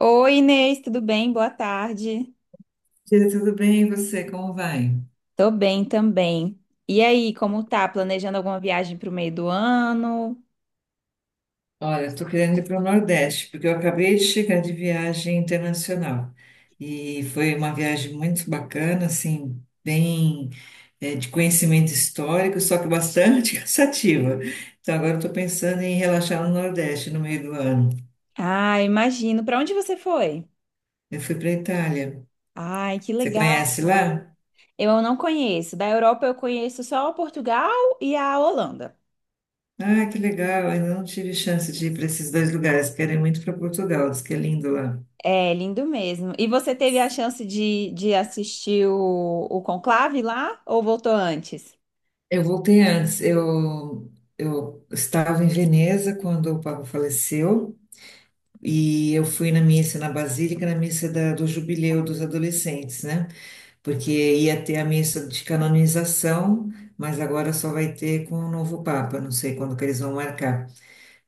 Oi, Inês, tudo bem? Boa tarde. Tia, tudo bem? E você, como vai? Tô bem também. E aí, como tá? Planejando alguma viagem pro meio do ano? Olha, estou querendo ir para o Nordeste, porque eu acabei de chegar de viagem internacional. E foi uma viagem muito bacana, assim, bem, de conhecimento histórico, só que bastante cansativa. Então, agora estou pensando em relaxar no Nordeste no meio do ano. Ah, imagino. Pra onde você foi? Eu fui para a Itália. Ai, que Você legal. conhece lá? Eu não conheço. Da Europa eu conheço só Portugal e a Holanda. Ah, que legal! Ainda não tive chance de ir para esses dois lugares. Quero ir muito para Portugal, diz que é lindo lá. É, lindo mesmo. E você teve a chance de assistir o Conclave lá ou voltou antes? Eu voltei antes. Eu estava em Veneza quando o Papa faleceu e eu fui na missa na Basílica, na missa do Jubileu dos adolescentes, né? Porque ia ter a missa de canonização, mas agora só vai ter com o novo Papa. Não sei quando que eles vão marcar.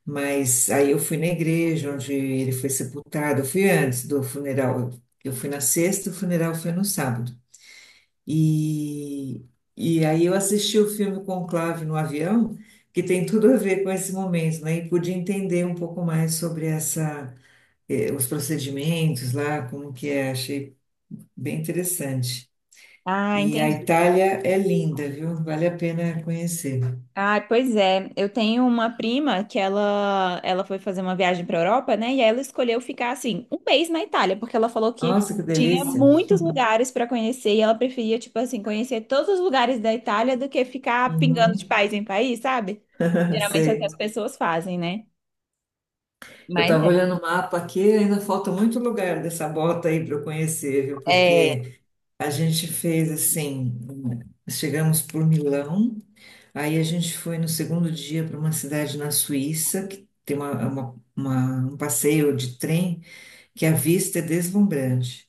Mas aí eu fui na igreja onde ele foi sepultado. Eu fui antes do funeral. Eu fui na sexta, o funeral foi no sábado. E, e aí eu assisti o filme Conclave no avião, que tem tudo a ver com esse momento, né? E pude entender um pouco mais sobre essa, os procedimentos lá, como que é, achei bem interessante. Ah, E a entendi. Itália é linda, viu? Vale a pena conhecer. Ah, pois é. Eu tenho uma prima que ela foi fazer uma viagem para Europa, né? E ela escolheu ficar assim um mês na Itália, porque ela falou que Nossa, que tinha delícia! muitos lugares para conhecer e ela preferia tipo assim conhecer todos os lugares da Itália do que ficar pingando de Uhum. país em país, sabe? Geralmente é o que as Sei. pessoas fazem, né? Eu Mas estava olhando o mapa aqui, ainda falta muito lugar dessa bota aí para eu conhecer, viu? é. É. Porque a gente fez assim, chegamos por Milão, aí a gente foi no segundo dia para uma cidade na Suíça, que tem um passeio de trem que a vista é deslumbrante.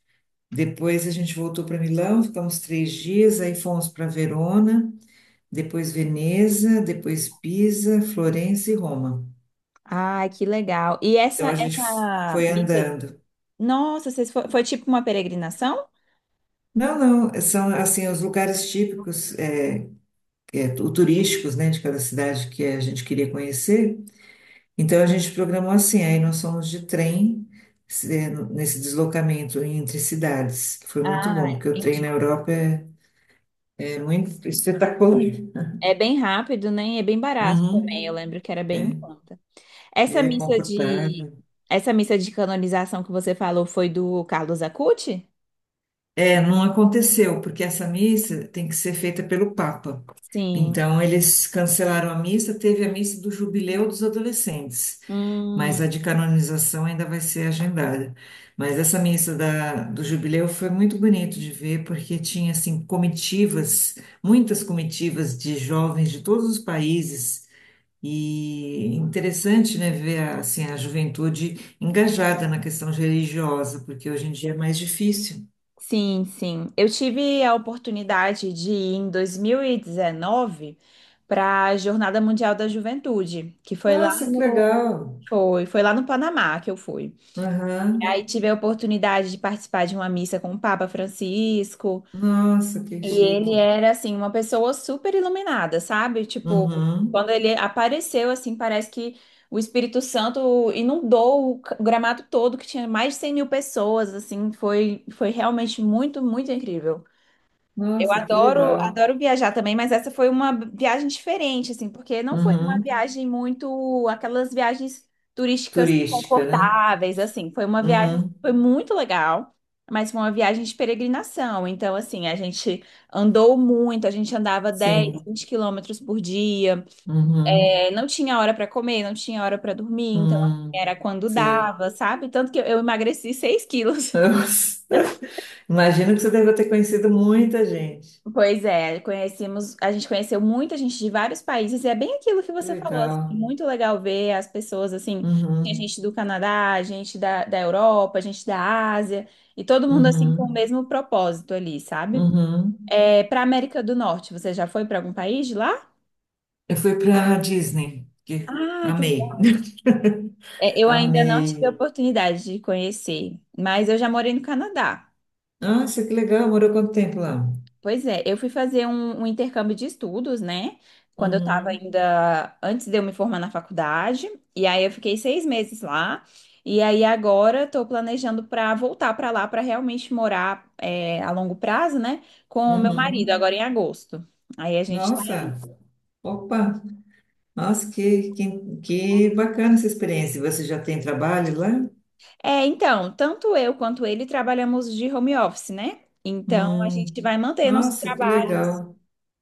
Depois a gente voltou para Milão, ficamos 3 dias, aí fomos para Verona, depois Veneza, depois Pisa, Florença e Roma. Ai, que legal. E Então essa, a gente essa... foi andando. Nossa, vocês foi, foi tipo uma peregrinação? Não, não, são assim os lugares típicos turísticos, né, de cada cidade que a gente queria conhecer. Então a gente programou assim, aí nós fomos de trem nesse deslocamento entre cidades, que foi muito Ah, bom, porque o trem entendi. na Europa é muito espetacular. É bem rápido, né? E é bem barato também. Eu Uhum, lembro que era bem em é, conta. Essa é missa de confortável. Essa missa de canonização que você falou foi do Carlos Acucci? É, não aconteceu, porque essa missa tem que ser feita pelo Papa. Sim. Então eles cancelaram a missa, teve a missa do jubileu dos adolescentes. Mas a Hum, de canonização ainda vai ser agendada. Mas essa missa da, do jubileu foi muito bonito de ver, porque tinha assim comitivas, muitas comitivas de jovens de todos os países. E interessante, né, ver a, assim, a juventude engajada na questão religiosa, porque hoje em dia é mais difícil. sim, sim. Eu tive a oportunidade de ir em 2019 para a Jornada Mundial da Juventude, que foi lá Nossa, que no legal! foi, foi lá no Panamá que eu fui. Aham. E aí tive a oportunidade de participar de uma missa com o Papa Francisco. Nossa, que E ele chique! era, assim, uma pessoa super iluminada, sabe? Tipo, Uhum. quando ele apareceu, assim, parece que o Espírito Santo inundou o c- o gramado todo, que tinha mais de 100 mil pessoas, assim, foi, foi realmente muito, muito incrível. Eu Nossa, que adoro, legal! adoro viajar também, mas essa foi uma viagem diferente, assim, porque não foi uma Uhum. viagem muito, aquelas viagens turísticas Turística, né? confortáveis, assim, foi uma viagem, Uhum. foi muito legal, mas foi uma viagem de peregrinação, então, assim, a gente andou muito, a gente andava 10, Sim. 20 quilômetros por dia. Uhum. É, não tinha hora para comer, não tinha hora para dormir, então, assim, Hum. era quando Sei. dava, sabe? Tanto que eu emagreci 6 quilos. Nossa. Imagino que você deve ter conhecido muita gente. Pois é, conhecemos, a gente conheceu muita gente de vários países, e é bem aquilo que Que você falou, legal. assim, muito legal ver as pessoas assim, tem Uhum. gente do Canadá, gente da Europa, gente da Ásia, e todo mundo assim com o Uhum. mesmo propósito ali, sabe? Uhum. É, para América do Norte, você já foi para algum país de lá? Eu fui para Disney, que Ah, que amei. legal. É, eu ainda não tive Amei. a oportunidade de conhecer, mas eu já morei no Canadá. Nossa, que legal. Morou quanto tempo lá? Pois é, eu fui fazer um intercâmbio de estudos, né? Quando eu estava Uhum. ainda, antes de eu me formar na faculdade, e aí eu fiquei 6 meses lá, e aí agora estou planejando para voltar para lá para realmente morar é, a longo prazo, né? Com o meu marido, Uhum. agora em agosto. Aí a gente tá. Nossa. Opa. Nossa, que bacana essa experiência. Você já tem trabalho lá? É, então, tanto eu quanto ele trabalhamos de home office, né? Então a Hum. gente vai manter nossos Nossa, que trabalhos. legal.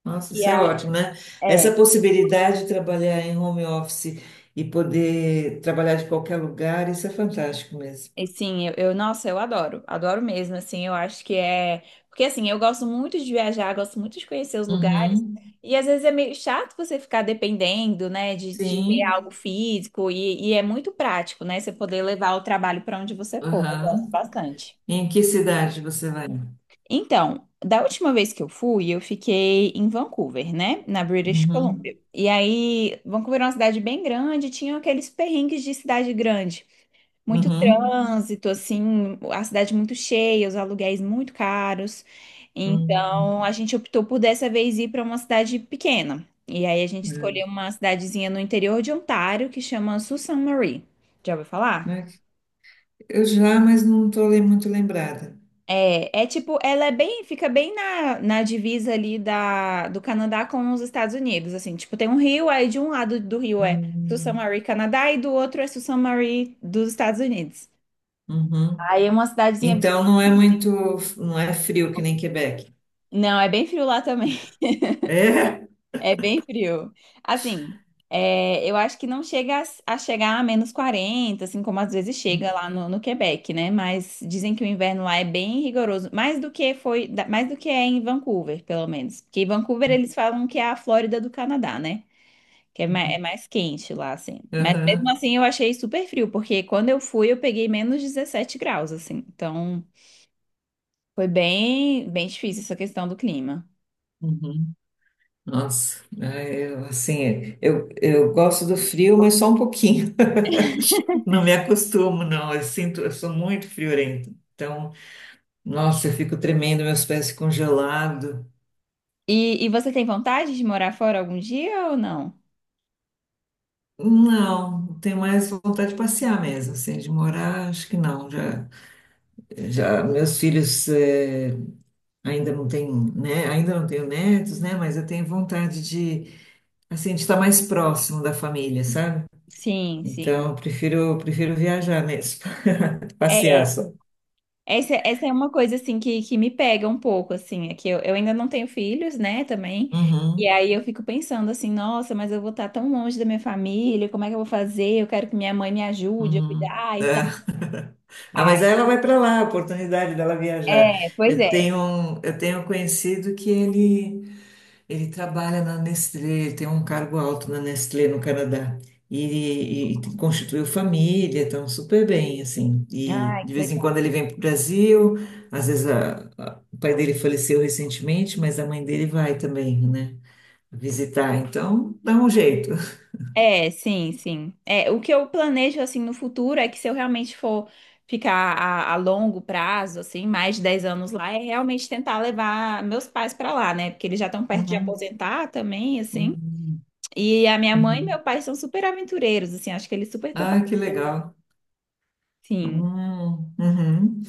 Nossa, E isso é aí, ótimo, né? é, Essa possibilidade de trabalhar em home office e poder trabalhar de qualquer lugar, isso é fantástico mesmo. e sim, nossa, eu adoro, adoro mesmo, assim, eu acho que é, porque assim, eu gosto muito de viajar, gosto muito de conhecer os lugares, Uhum. e às vezes é meio chato você ficar dependendo, né, de ter Sim. algo físico, e é muito prático, né, você poder levar o trabalho para onde você for, eu gosto Aham. bastante. Em que cidade você vai? Então, da última vez que eu fui, eu fiquei em Vancouver, né, na British Columbia, Uhum. e aí, Vancouver é uma cidade bem grande, tinha aqueles perrengues de cidade grande, muito Uhum. trânsito, assim, a cidade muito cheia, os aluguéis muito caros. Então, Uhum. a gente optou por dessa vez ir para uma cidade pequena. E aí a gente É. escolheu uma cidadezinha no interior de Ontário que chama Sault Ste. Marie. Já ouviu falar? Eu já, mas não estou muito lembrada. É, é tipo, ela é bem, fica bem na divisa ali da, do Canadá com os Estados Unidos, assim, tipo, tem um rio, aí de um lado do rio é Sault Ste. Uhum. Marie, Canadá, e do outro é Sault Ste. Marie dos Estados Unidos. Uhum. Aí é uma cidadezinha bem Então não é pequenininha. muito, não é frio que nem Quebec. Não, é bem frio lá também. É? É bem frio. Assim, é, eu acho que não chega a chegar a -40, assim como às vezes chega lá no Quebec, né? Mas dizem que o inverno lá é bem rigoroso, mais do que foi, da- mais do que é em Vancouver, pelo menos. Porque em Vancouver eles falam que é a Flórida do Canadá, né? Que é Uhum. mais quente lá, assim. Mas mesmo Aham. assim eu achei super frio, porque quando eu fui eu peguei -17 graus, assim. Então foi bem, bem difícil essa questão do clima. Uhum. Nossa, é, eu, assim, eu gosto do frio, mas só um pouquinho. Não me acostumo, não. Eu sinto, eu sou muito friorenta. Então, nossa, eu fico tremendo, meus pés ficam gelados. E você tem vontade de morar fora algum dia ou não? Não, tenho mais vontade de passear mesmo, assim, de morar, acho que não. Já, já meus filhos ainda não têm, né? Ainda não tenho netos, né? Mas eu tenho vontade de, assim, de estar mais próximo da família, sabe? Sim, sim. Então, eu prefiro, prefiro viajar mesmo, passear É, só. essa é uma coisa assim que me pega um pouco, assim, é que eu ainda não tenho filhos, né, também. E Uhum, aí eu fico pensando assim, nossa, mas eu vou estar tão longe da minha família, como é que eu vou fazer? Eu quero que minha mãe me ajude a uhum. cuidar e tal. É. Ah, Ai, mas ela vai para lá, a oportunidade dela viajar. é, pois Eu é. tenho, um- eu tenho um conhecido que ele trabalha na Nestlé, ele tem um cargo alto na Nestlé no Canadá. E constituiu família, estão super bem, assim. E Ai, de vez que em quando ele vem para o Brasil, às vezes o pai dele faleceu recentemente, mas a mãe dele vai também, né, visitar. Então, dá um jeito. É, sim, sim. É, o que eu planejo assim no futuro é que se eu realmente for ficar a longo prazo, assim, mais de 10 anos lá, é realmente tentar levar meus pais pra lá, né? Porque eles já estão perto de Uhum, aposentar também, assim. uhum, E a minha mãe e uhum. meu pai são super aventureiros, assim, acho que eles super Ah, que topariam. legal. Sim. Uhum,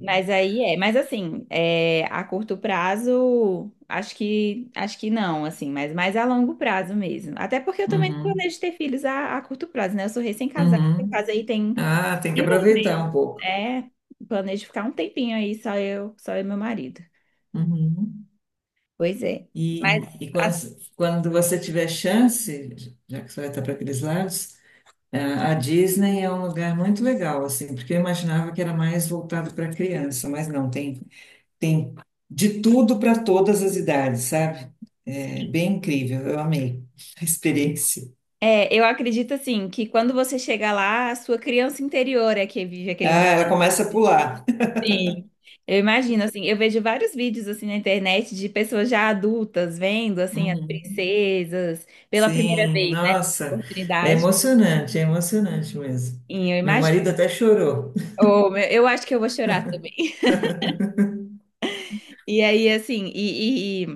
Mas aí é, mas assim, é, a curto prazo, acho que não, assim, mas mais a longo prazo mesmo. Até porque eu também não uhum, planejo ter filhos a curto prazo, né? Eu sou recém-casada, eu uhum. casei tem Ah, tem que aproveitar infelizmente, um pouco. é. Planejo ficar um tempinho aí, só eu e meu marido. Uhum. Pois é. Mas, E quando, quando você tiver chance, já que você vai estar para aqueles lados, ah, a Disney é um lugar muito legal, assim, porque eu imaginava que era mais voltado para criança, mas não, tem, de tudo para todas as idades, sabe? É assim, bem incrível, eu amei a experiência. é, eu acredito, assim, que quando você chega lá, a sua criança interior é que vive Ah, aquele ela momento. começa a pular. Sim. Eu imagino, assim, eu vejo vários vídeos, assim, na internet de pessoas já adultas vendo, assim, as princesas pela primeira Sim, vez, né? nossa, Oportunidade. É emocionante mesmo. E eu Meu imagino. marido até chorou. Oh, meu- eu acho que eu vou chorar também. E aí, assim, e,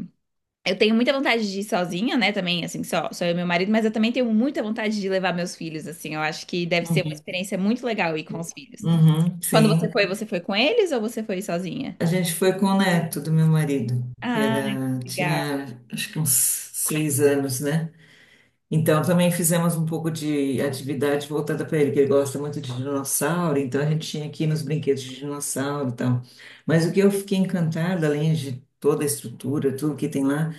eu tenho muita vontade de ir sozinha, né? Também, assim, só, só eu e meu marido, mas eu também tenho muita vontade de levar meus filhos, assim. Eu acho que deve ser uma Uhum. experiência muito legal ir com os filhos. Uhum, Quando sim. Você foi com eles ou você foi sozinha? A gente foi com o neto do meu marido, que Ah, era, que legal. tinha acho que uns 6 anos, né? Então também fizemos um pouco de atividade voltada para ele, que ele gosta muito de dinossauro, então a gente tinha aqui nos brinquedos de dinossauro e tal. Mas o que eu fiquei encantada, além de toda a estrutura, tudo que tem lá,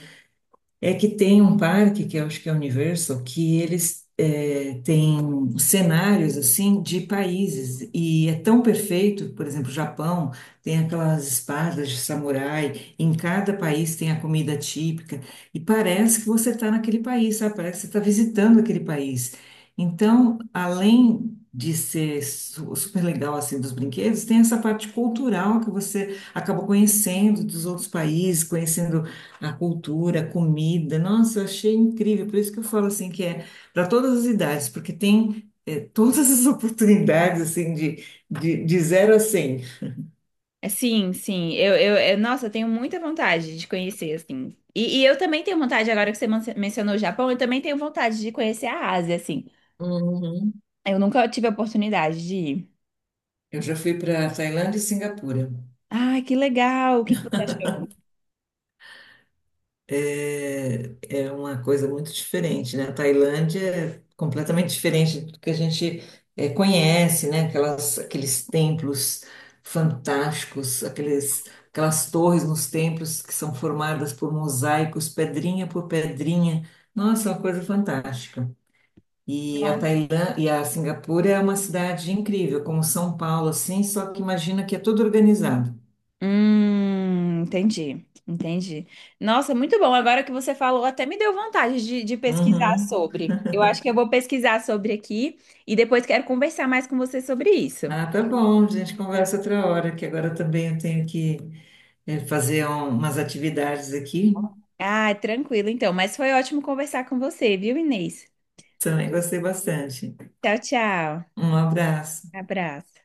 é que tem um parque, que eu acho que é o Universal, que eles têm cenários assim de países e é tão perfeito, por exemplo, o Japão tem aquelas espadas de samurai, em cada país tem a comida típica e parece que você está naquele país, sabe? Parece que você está visitando aquele país. Então, além de ser super legal assim dos brinquedos, tem essa parte cultural que você acaba conhecendo dos outros países, conhecendo a cultura, a comida, nossa, eu achei incrível. Por isso que eu falo assim que é para todas as idades, porque tem todas as oportunidades assim de 0 a 100. É, sim, sim. Nossa, eu tenho muita vontade de conhecer, assim. E eu também tenho vontade, agora que você man- mencionou o Japão, eu também tenho vontade de conhecer a Ásia, assim. Uhum. Eu nunca tive a oportunidade de ir. Eu já fui para Tailândia e Singapura. Ah, que legal! O que que você achou? é, é uma coisa muito diferente, né? A Tailândia é completamente diferente do que a gente conhece, né? Aquelas, aqueles templos fantásticos, aqueles, aquelas torres nos templos que são formadas por mosaicos, pedrinha por pedrinha. Nossa, é uma coisa fantástica. E a Tailândia e a Singapura é uma cidade incrível, como São Paulo, assim, só que imagina que é tudo organizado. Entendi, entendi. Nossa, muito bom. Agora que você falou, até me deu vontade de pesquisar Uhum. sobre. Eu acho que eu vou pesquisar sobre aqui e depois quero conversar mais com você sobre isso. Ah, tá bom, a gente conversa outra hora, que agora também eu tenho que fazer umas atividades aqui. Ah, tranquilo então. Mas foi ótimo conversar com você, viu, Inês? Também gostei bastante. Tchau, tchau. Um abraço. Abraço.